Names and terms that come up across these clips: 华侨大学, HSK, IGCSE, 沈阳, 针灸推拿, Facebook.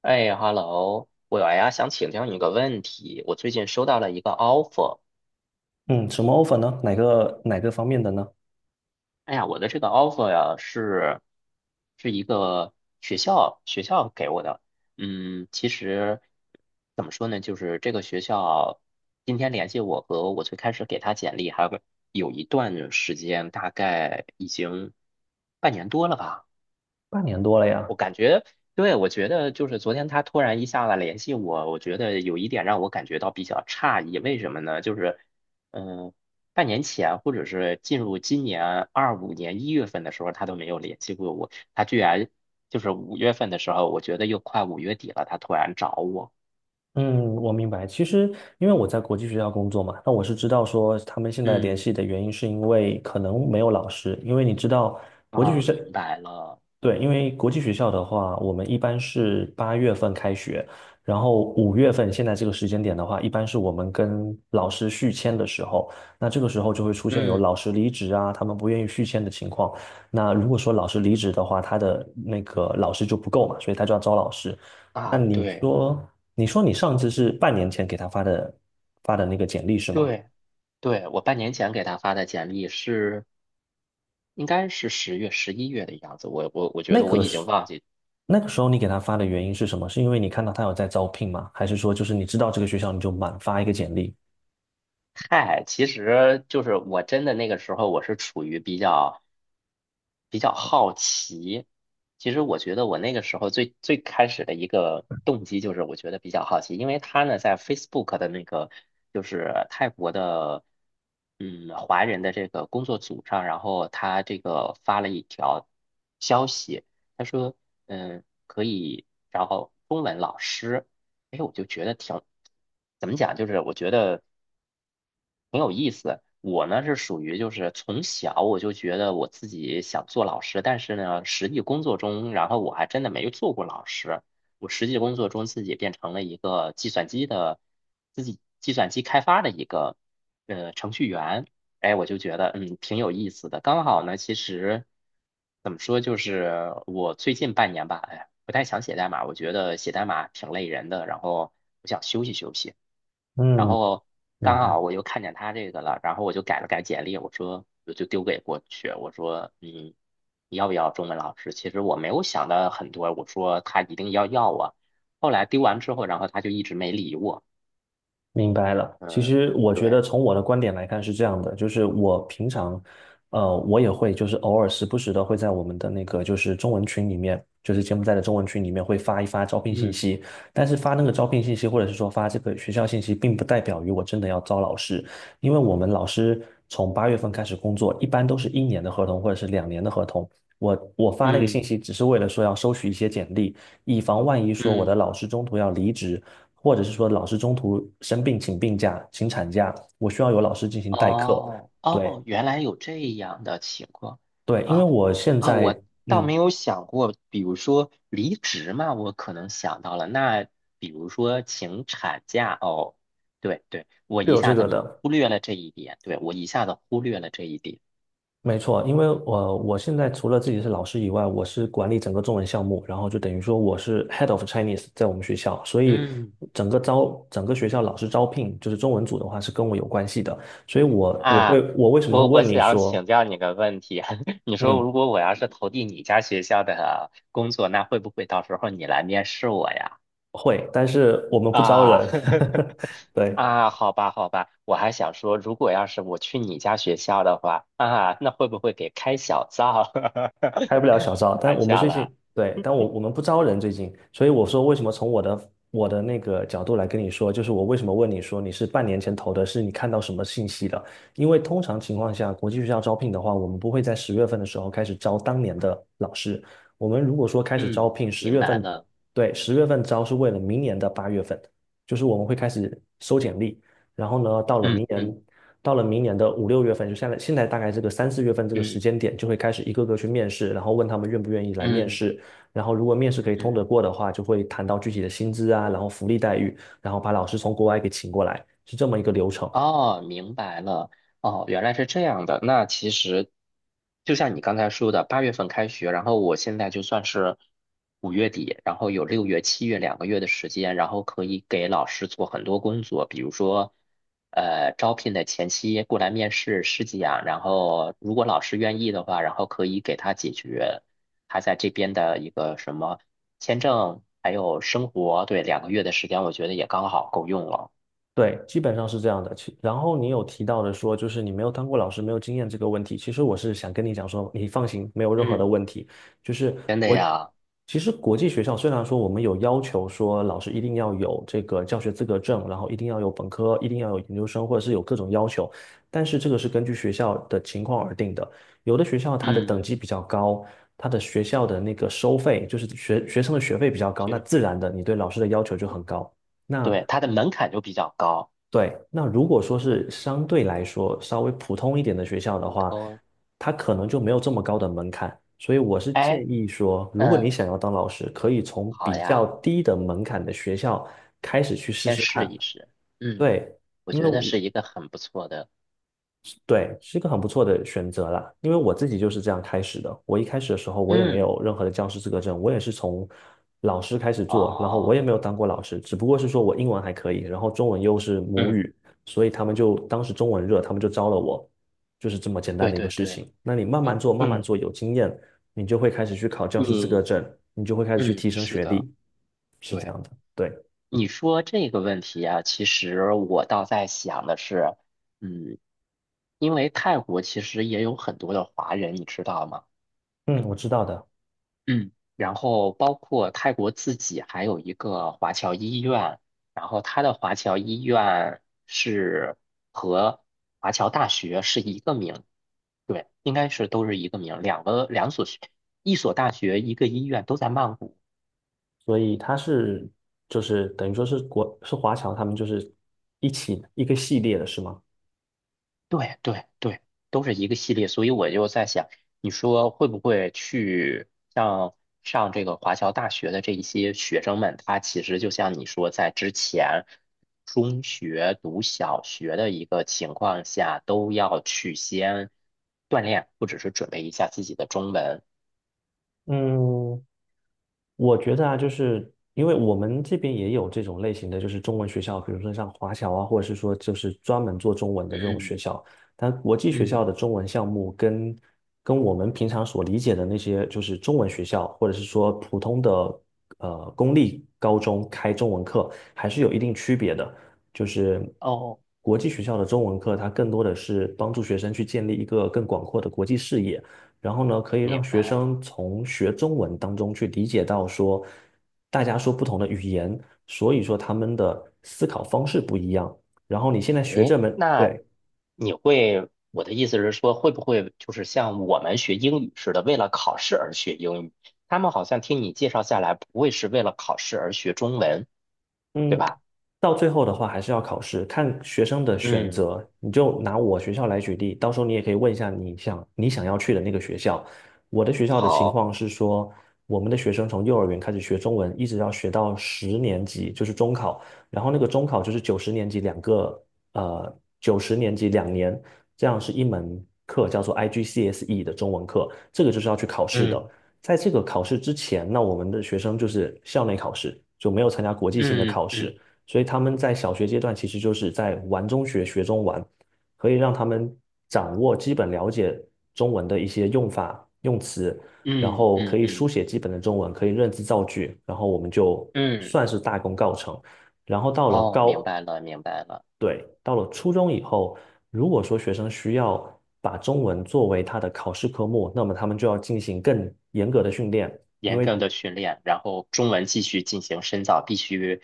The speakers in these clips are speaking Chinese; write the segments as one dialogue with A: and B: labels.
A: 哎，hello，我呀想请教你个问题。我最近收到了一个 offer，
B: 嗯，什么 offer 呢？哪个方面的呢？
A: 哎呀，我的这个 offer 呀是一个学校给我的。嗯，其实怎么说呢，就是这个学校今天联系我和我最开始给他简历还有个有一段时间，大概已经半年多了吧。
B: 半年多了呀。
A: 我感觉，对，我觉得就是昨天他突然一下子联系我，我觉得有一点让我感觉到比较诧异，为什么呢？就是，嗯、半年前或者是进入今年25年1月份的时候，他都没有联系过我，他居然就是5月份的时候，我觉得又快五月底了，他突然找我，
B: 嗯，我明白。其实，因为我在国际学校工作嘛，那我是知道说他们现在联
A: 嗯，
B: 系的原因是因为可能没有老师，因为你知道国际学
A: 啊，
B: 校，
A: 明白了，
B: 对，因为国际学校的话，我们一般是八月份开学，然后5月份现在这个时间点的话，一般是我们跟老师续签的时候，那这个时候就会出现有
A: 嗯，
B: 老师离职啊，他们不愿意续签的情况。那如果说老师离职的话，他的那个老师就不够嘛，所以他就要招老师。那
A: 啊，
B: 你
A: 对
B: 说，你上次是半年前给他发的那个简历是吗？
A: 对对，我半年前给他发的简历是。应该是10月、11月的样子，我觉
B: 那
A: 得我
B: 个
A: 已经
B: 是
A: 忘记
B: 那个时候你给他发的原因是什么？是因为你看到他有在招聘吗？还是说就是你知道这个学校你就满发一个简历？
A: 嗨，其实就是我真的那个时候，我是处于比较好奇。其实我觉得我那个时候最开始的一个动机就是，我觉得比较好奇，因为他呢在 Facebook 的那个就是泰国的华人的这个工作组上，然后他这个发了一条消息，他说可以然后中文老师。哎，我就觉得挺，怎么讲，就是我觉得。很有意思。我呢是属于就是从小我就觉得我自己想做老师，但是呢，实际工作中，然后我还真的没做过老师。我实际工作中自己变成了一个计算机的，自己计算机开发的一个程序员。哎，我就觉得挺有意思的。刚好呢，其实怎么说，就是我最近半年吧，哎，不太想写代码，我觉得写代码挺累人的，然后我想休息休息。然
B: 嗯，
A: 后
B: 明
A: 刚
B: 白。
A: 好我又看见他这个了，然后我就改了改简历，我说我就丢给过去，我说你要不要中文老师？其实我没有想到很多，我说他一定要要我。后来丢完之后，然后他就一直没理我。
B: 明白了。其
A: 嗯，
B: 实我觉得
A: 对，
B: 从我的观点来看是这样的，就是我平常，我也会就是偶尔时不时的会在我们的那个就是中文群里面，就是柬埔寨的中文群里面会发一发招聘信
A: 嗯
B: 息。但是发那个招聘信息或者是说发这个学校信息，并不代表于我真的要招老师，因为我们老师从八月份开始工作，一般都是1年的合同或者是两年的合同。我发那个信
A: 嗯
B: 息只是为了说要收取一些简历，以防万一说我的
A: 嗯。
B: 老师中途要离职。或者是说老师中途生病请病假、请产假，我需要有老师进行代课。
A: 哦
B: 对
A: 哦，原来有这样的情况
B: 对，因为
A: 啊
B: 我现
A: 啊！我
B: 在
A: 倒没
B: 嗯
A: 有想过，比如说离职嘛，我可能想到了。那比如说请产假哦，对对，我
B: 是
A: 一
B: 有这
A: 下
B: 个
A: 子
B: 的，
A: 忽略了这一点，对，我一下子忽略了这一点。
B: 没错，因为我现在除了自己是老师以外，我是管理整个中文项目，然后就等于说我是 head of Chinese 在我们学校，所以
A: 嗯
B: 整个学校老师招聘就是中文组的话是跟我有关系的，所以
A: 啊，
B: 我为什么会
A: 我
B: 问你
A: 想
B: 说
A: 请教你个问题，你说
B: 嗯
A: 如果我要是投递你家学校的工作，那会不会到时候你来面试我呀？
B: 会，但是我们不招
A: 啊，
B: 人，对。
A: 啊，好吧，好吧，我还想说，如果要是我去你家学校的话，啊，那会不会给开小灶？
B: 开不了小灶，
A: 开
B: 但
A: 玩
B: 我们
A: 笑
B: 最
A: 了，
B: 近对，但我们不招人最近，所以我说为什么从我的那个角度来跟你说，就是我为什么问你说你是半年前投的，是你看到什么信息的？因为通常情况下，国际学校招聘的话，我们不会在十月份的时候开始招当年的老师，我们如果说开始招
A: 嗯，
B: 聘十
A: 明
B: 月
A: 白
B: 份，
A: 了，
B: 对，十月份招是为了明年的八月份，就是我们会开始收简历，然后呢，
A: 嗯嗯
B: 到了明年的5、6月份，就现在大概这个3、4月份这个时
A: 嗯
B: 间点，就会开始一个个去面试，然后问他们愿不愿意来面
A: 嗯
B: 试。然后如果面试可以通得
A: 嗯。
B: 过的话，就会谈到具体的薪资啊，然后福利待遇，然后把老师从国外给请过来，是这么一个流程。
A: 哦，明白了。哦，原来是这样的。那其实就像你刚才说的，8月份开学，然后我现在就算是五月底，然后有6月、7月两个月的时间，然后可以给老师做很多工作，比如说，招聘的前期过来面试试讲，然后如果老师愿意的话，然后可以给他解决他在这边的一个什么签证，还有生活，对，两个月的时间，我觉得也刚好够用了。
B: 对，基本上是这样的。然后你有提到的说，就是你没有当过老师，没有经验这个问题。其实我是想跟你讲说，你放心，没有任何的
A: 嗯，
B: 问题。就是
A: 真的
B: 我，
A: 呀。
B: 其实国际学校虽然说我们有要求说老师一定要有这个教学资格证，然后一定要有本科，一定要有研究生，或者是有各种要求，但是这个是根据学校的情况而定的。有的学校它的等
A: 嗯，
B: 级比较高，它的学校的那个收费，就是学生的学费比较高，
A: 其
B: 那
A: 实
B: 自然的你对老师的要求就很高。那
A: 对，它的门槛就比较高。
B: 对，那如果说
A: 对，
B: 是相对来说稍微普通一点的学校的
A: 普
B: 话，
A: 通，
B: 它可能就没有这么高的门槛，所以我是
A: 哎，
B: 建议说，如果你
A: 嗯，
B: 想要当老师，可以从
A: 好
B: 比较
A: 呀，
B: 低的门槛的学校开始去试
A: 先
B: 试
A: 试
B: 看。
A: 一试。嗯，
B: 对，
A: 我
B: 因为
A: 觉
B: 我
A: 得是一个很不错的。
B: 对，是一个很不错的选择啦。因为我自己就是这样开始的。我一开始的时候，我也没
A: 嗯，
B: 有任何的教师资格证，我也是从老师开始做，然后我也
A: 哦，
B: 没有当过老师，只不过是说我英文还可以，然后中文又是母
A: 嗯，
B: 语，所以他们就当时中文热，他们就招了我，就是这么简单
A: 对
B: 的一个
A: 对
B: 事
A: 对，
B: 情。那你慢
A: 嗯
B: 慢做，慢慢
A: 嗯
B: 做，有经验，你就会开始去考教师资格
A: 嗯
B: 证，你就会开始去提
A: 嗯，
B: 升
A: 是
B: 学
A: 的，
B: 历，是这
A: 对。
B: 样的。对，
A: 你说这个问题啊，其实我倒在想的是，嗯，因为泰国其实也有很多的华人，你知道吗？
B: 嗯，我知道的。
A: 嗯，然后包括泰国自己还有一个华侨医院，然后它的华侨医院是和华侨大学是一个名，对，应该是都是一个名，2所学，一所大学一个医院都在曼谷。
B: 所以就是等于说是华侨，他们就是一起一个系列的是吗？
A: 对对对，都是一个系列，所以我就在想，你说会不会去像上这个华侨大学的这一些学生们，他其实就像你说，在之前中学读小学的一个情况下，都要去先锻炼，或者是准备一下自己的中文。
B: 嗯，我觉得啊，就是因为我们这边也有这种类型的，就是中文学校，比如说像华侨啊，或者是说就是专门做中文的这种学
A: 嗯
B: 校。但国际学
A: 嗯，
B: 校的中文项目跟我们平常所理解的那些就是中文学校，或者是说普通的公立高中开中文课，还是有一定区别的。就是
A: 哦，
B: 国际学校的中文课，它更多的是帮助学生去建立一个更广阔的国际视野。然后呢，可以
A: 明
B: 让学
A: 白。了。
B: 生从学中文当中去理解到说，大家说不同的语言，所以说他们的思考方式不一样。然后你现在学
A: 哎，
B: 这门，
A: 那
B: 对，
A: 你会，我的意思是说，会不会就是像我们学英语似的，为了考试而学英语？他们好像听你介绍下来，不会是为了考试而学中文，对
B: 嗯，
A: 吧？
B: 到最后的话还是要考试，看学生的选
A: 嗯，
B: 择。你就拿我学校来举例，到时候你也可以问一下你想要去的那个学校。我的学校的情
A: 好，
B: 况是说，我们的学生从幼儿园开始学中文，一直要学到十年级，就是中考。然后那个中考就是九十年级两年，这样是一门课叫做 IGCSE 的中文课，这个就是要去考试的。
A: 嗯
B: 在这个考试之前，那我们的学生就是校内考试，就没有参加国际性的
A: 嗯
B: 考试，
A: 嗯
B: 所以他们在小学阶段其实就是在玩中学，学中玩，可以让他们掌握基本了解中文的一些用法、用词，然
A: 嗯
B: 后可
A: 嗯
B: 以书
A: 嗯
B: 写基本的中文，可以认字造句，然后我们就
A: 嗯，嗯
B: 算是大功告成。然后到了
A: 哦，明
B: 高，
A: 白了，明白了。
B: 对，到了初中以后，如果说学生需要把中文作为他的考试科目，那么他们就要进行更严格的训练，
A: 严格的训练，然后中文继续进行深造，必须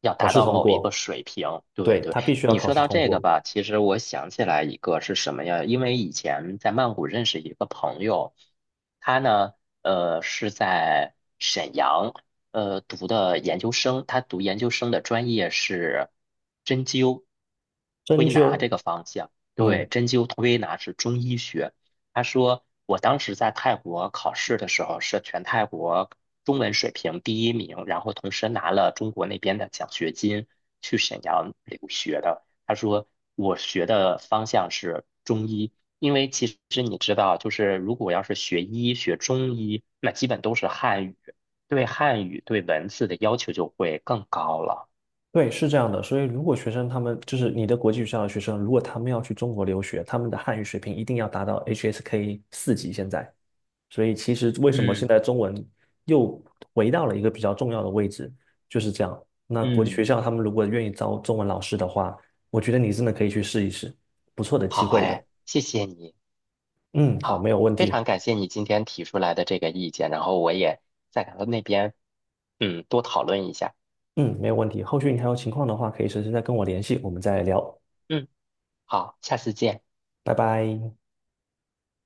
A: 要
B: 考
A: 达
B: 试
A: 到
B: 通
A: 某一个
B: 过，
A: 水平。对
B: 对，
A: 对，
B: 他必须要
A: 你
B: 考
A: 说
B: 试
A: 到
B: 通
A: 这个
B: 过。
A: 吧，其实我想起来一个是什么呀？因为以前在曼谷认识一个朋友，他呢，是在沈阳，读的研究生，他读研究生的专业是针灸推
B: 针
A: 拿这
B: 灸，
A: 个方向。对，
B: 嗯，
A: 针灸推拿是中医学。他说我当时在泰国考试的时候是全泰国中文水平第一名，然后同时拿了中国那边的奖学金去沈阳留学的。他说我学的方向是中医，因为其实你知道，就是如果要是学医学中医，那基本都是汉语，对汉语对文字的要求就会更高了。
B: 对，是这样的。所以如果学生他们就是你的国际学校的学生，如果他们要去中国留学，他们的汉语水平一定要达到 HSK 4级现在。所以其实为什么现
A: 嗯
B: 在中文又回到了一个比较重要的位置，就是这样。那国际学
A: 嗯，
B: 校他们如果愿意招中文老师的话，我觉得你真的可以去试一试，不错的
A: 好
B: 机会的。
A: 哎，谢谢你。
B: 嗯，好，
A: 好，
B: 没有问
A: 非
B: 题。
A: 常感谢你今天提出来的这个意见，然后我也在他们那边多讨论一下。
B: 嗯，没有问题。后续你还有情况的话，可以随时再跟我联系，我们再聊。
A: 嗯，好，下次见。
B: 拜拜。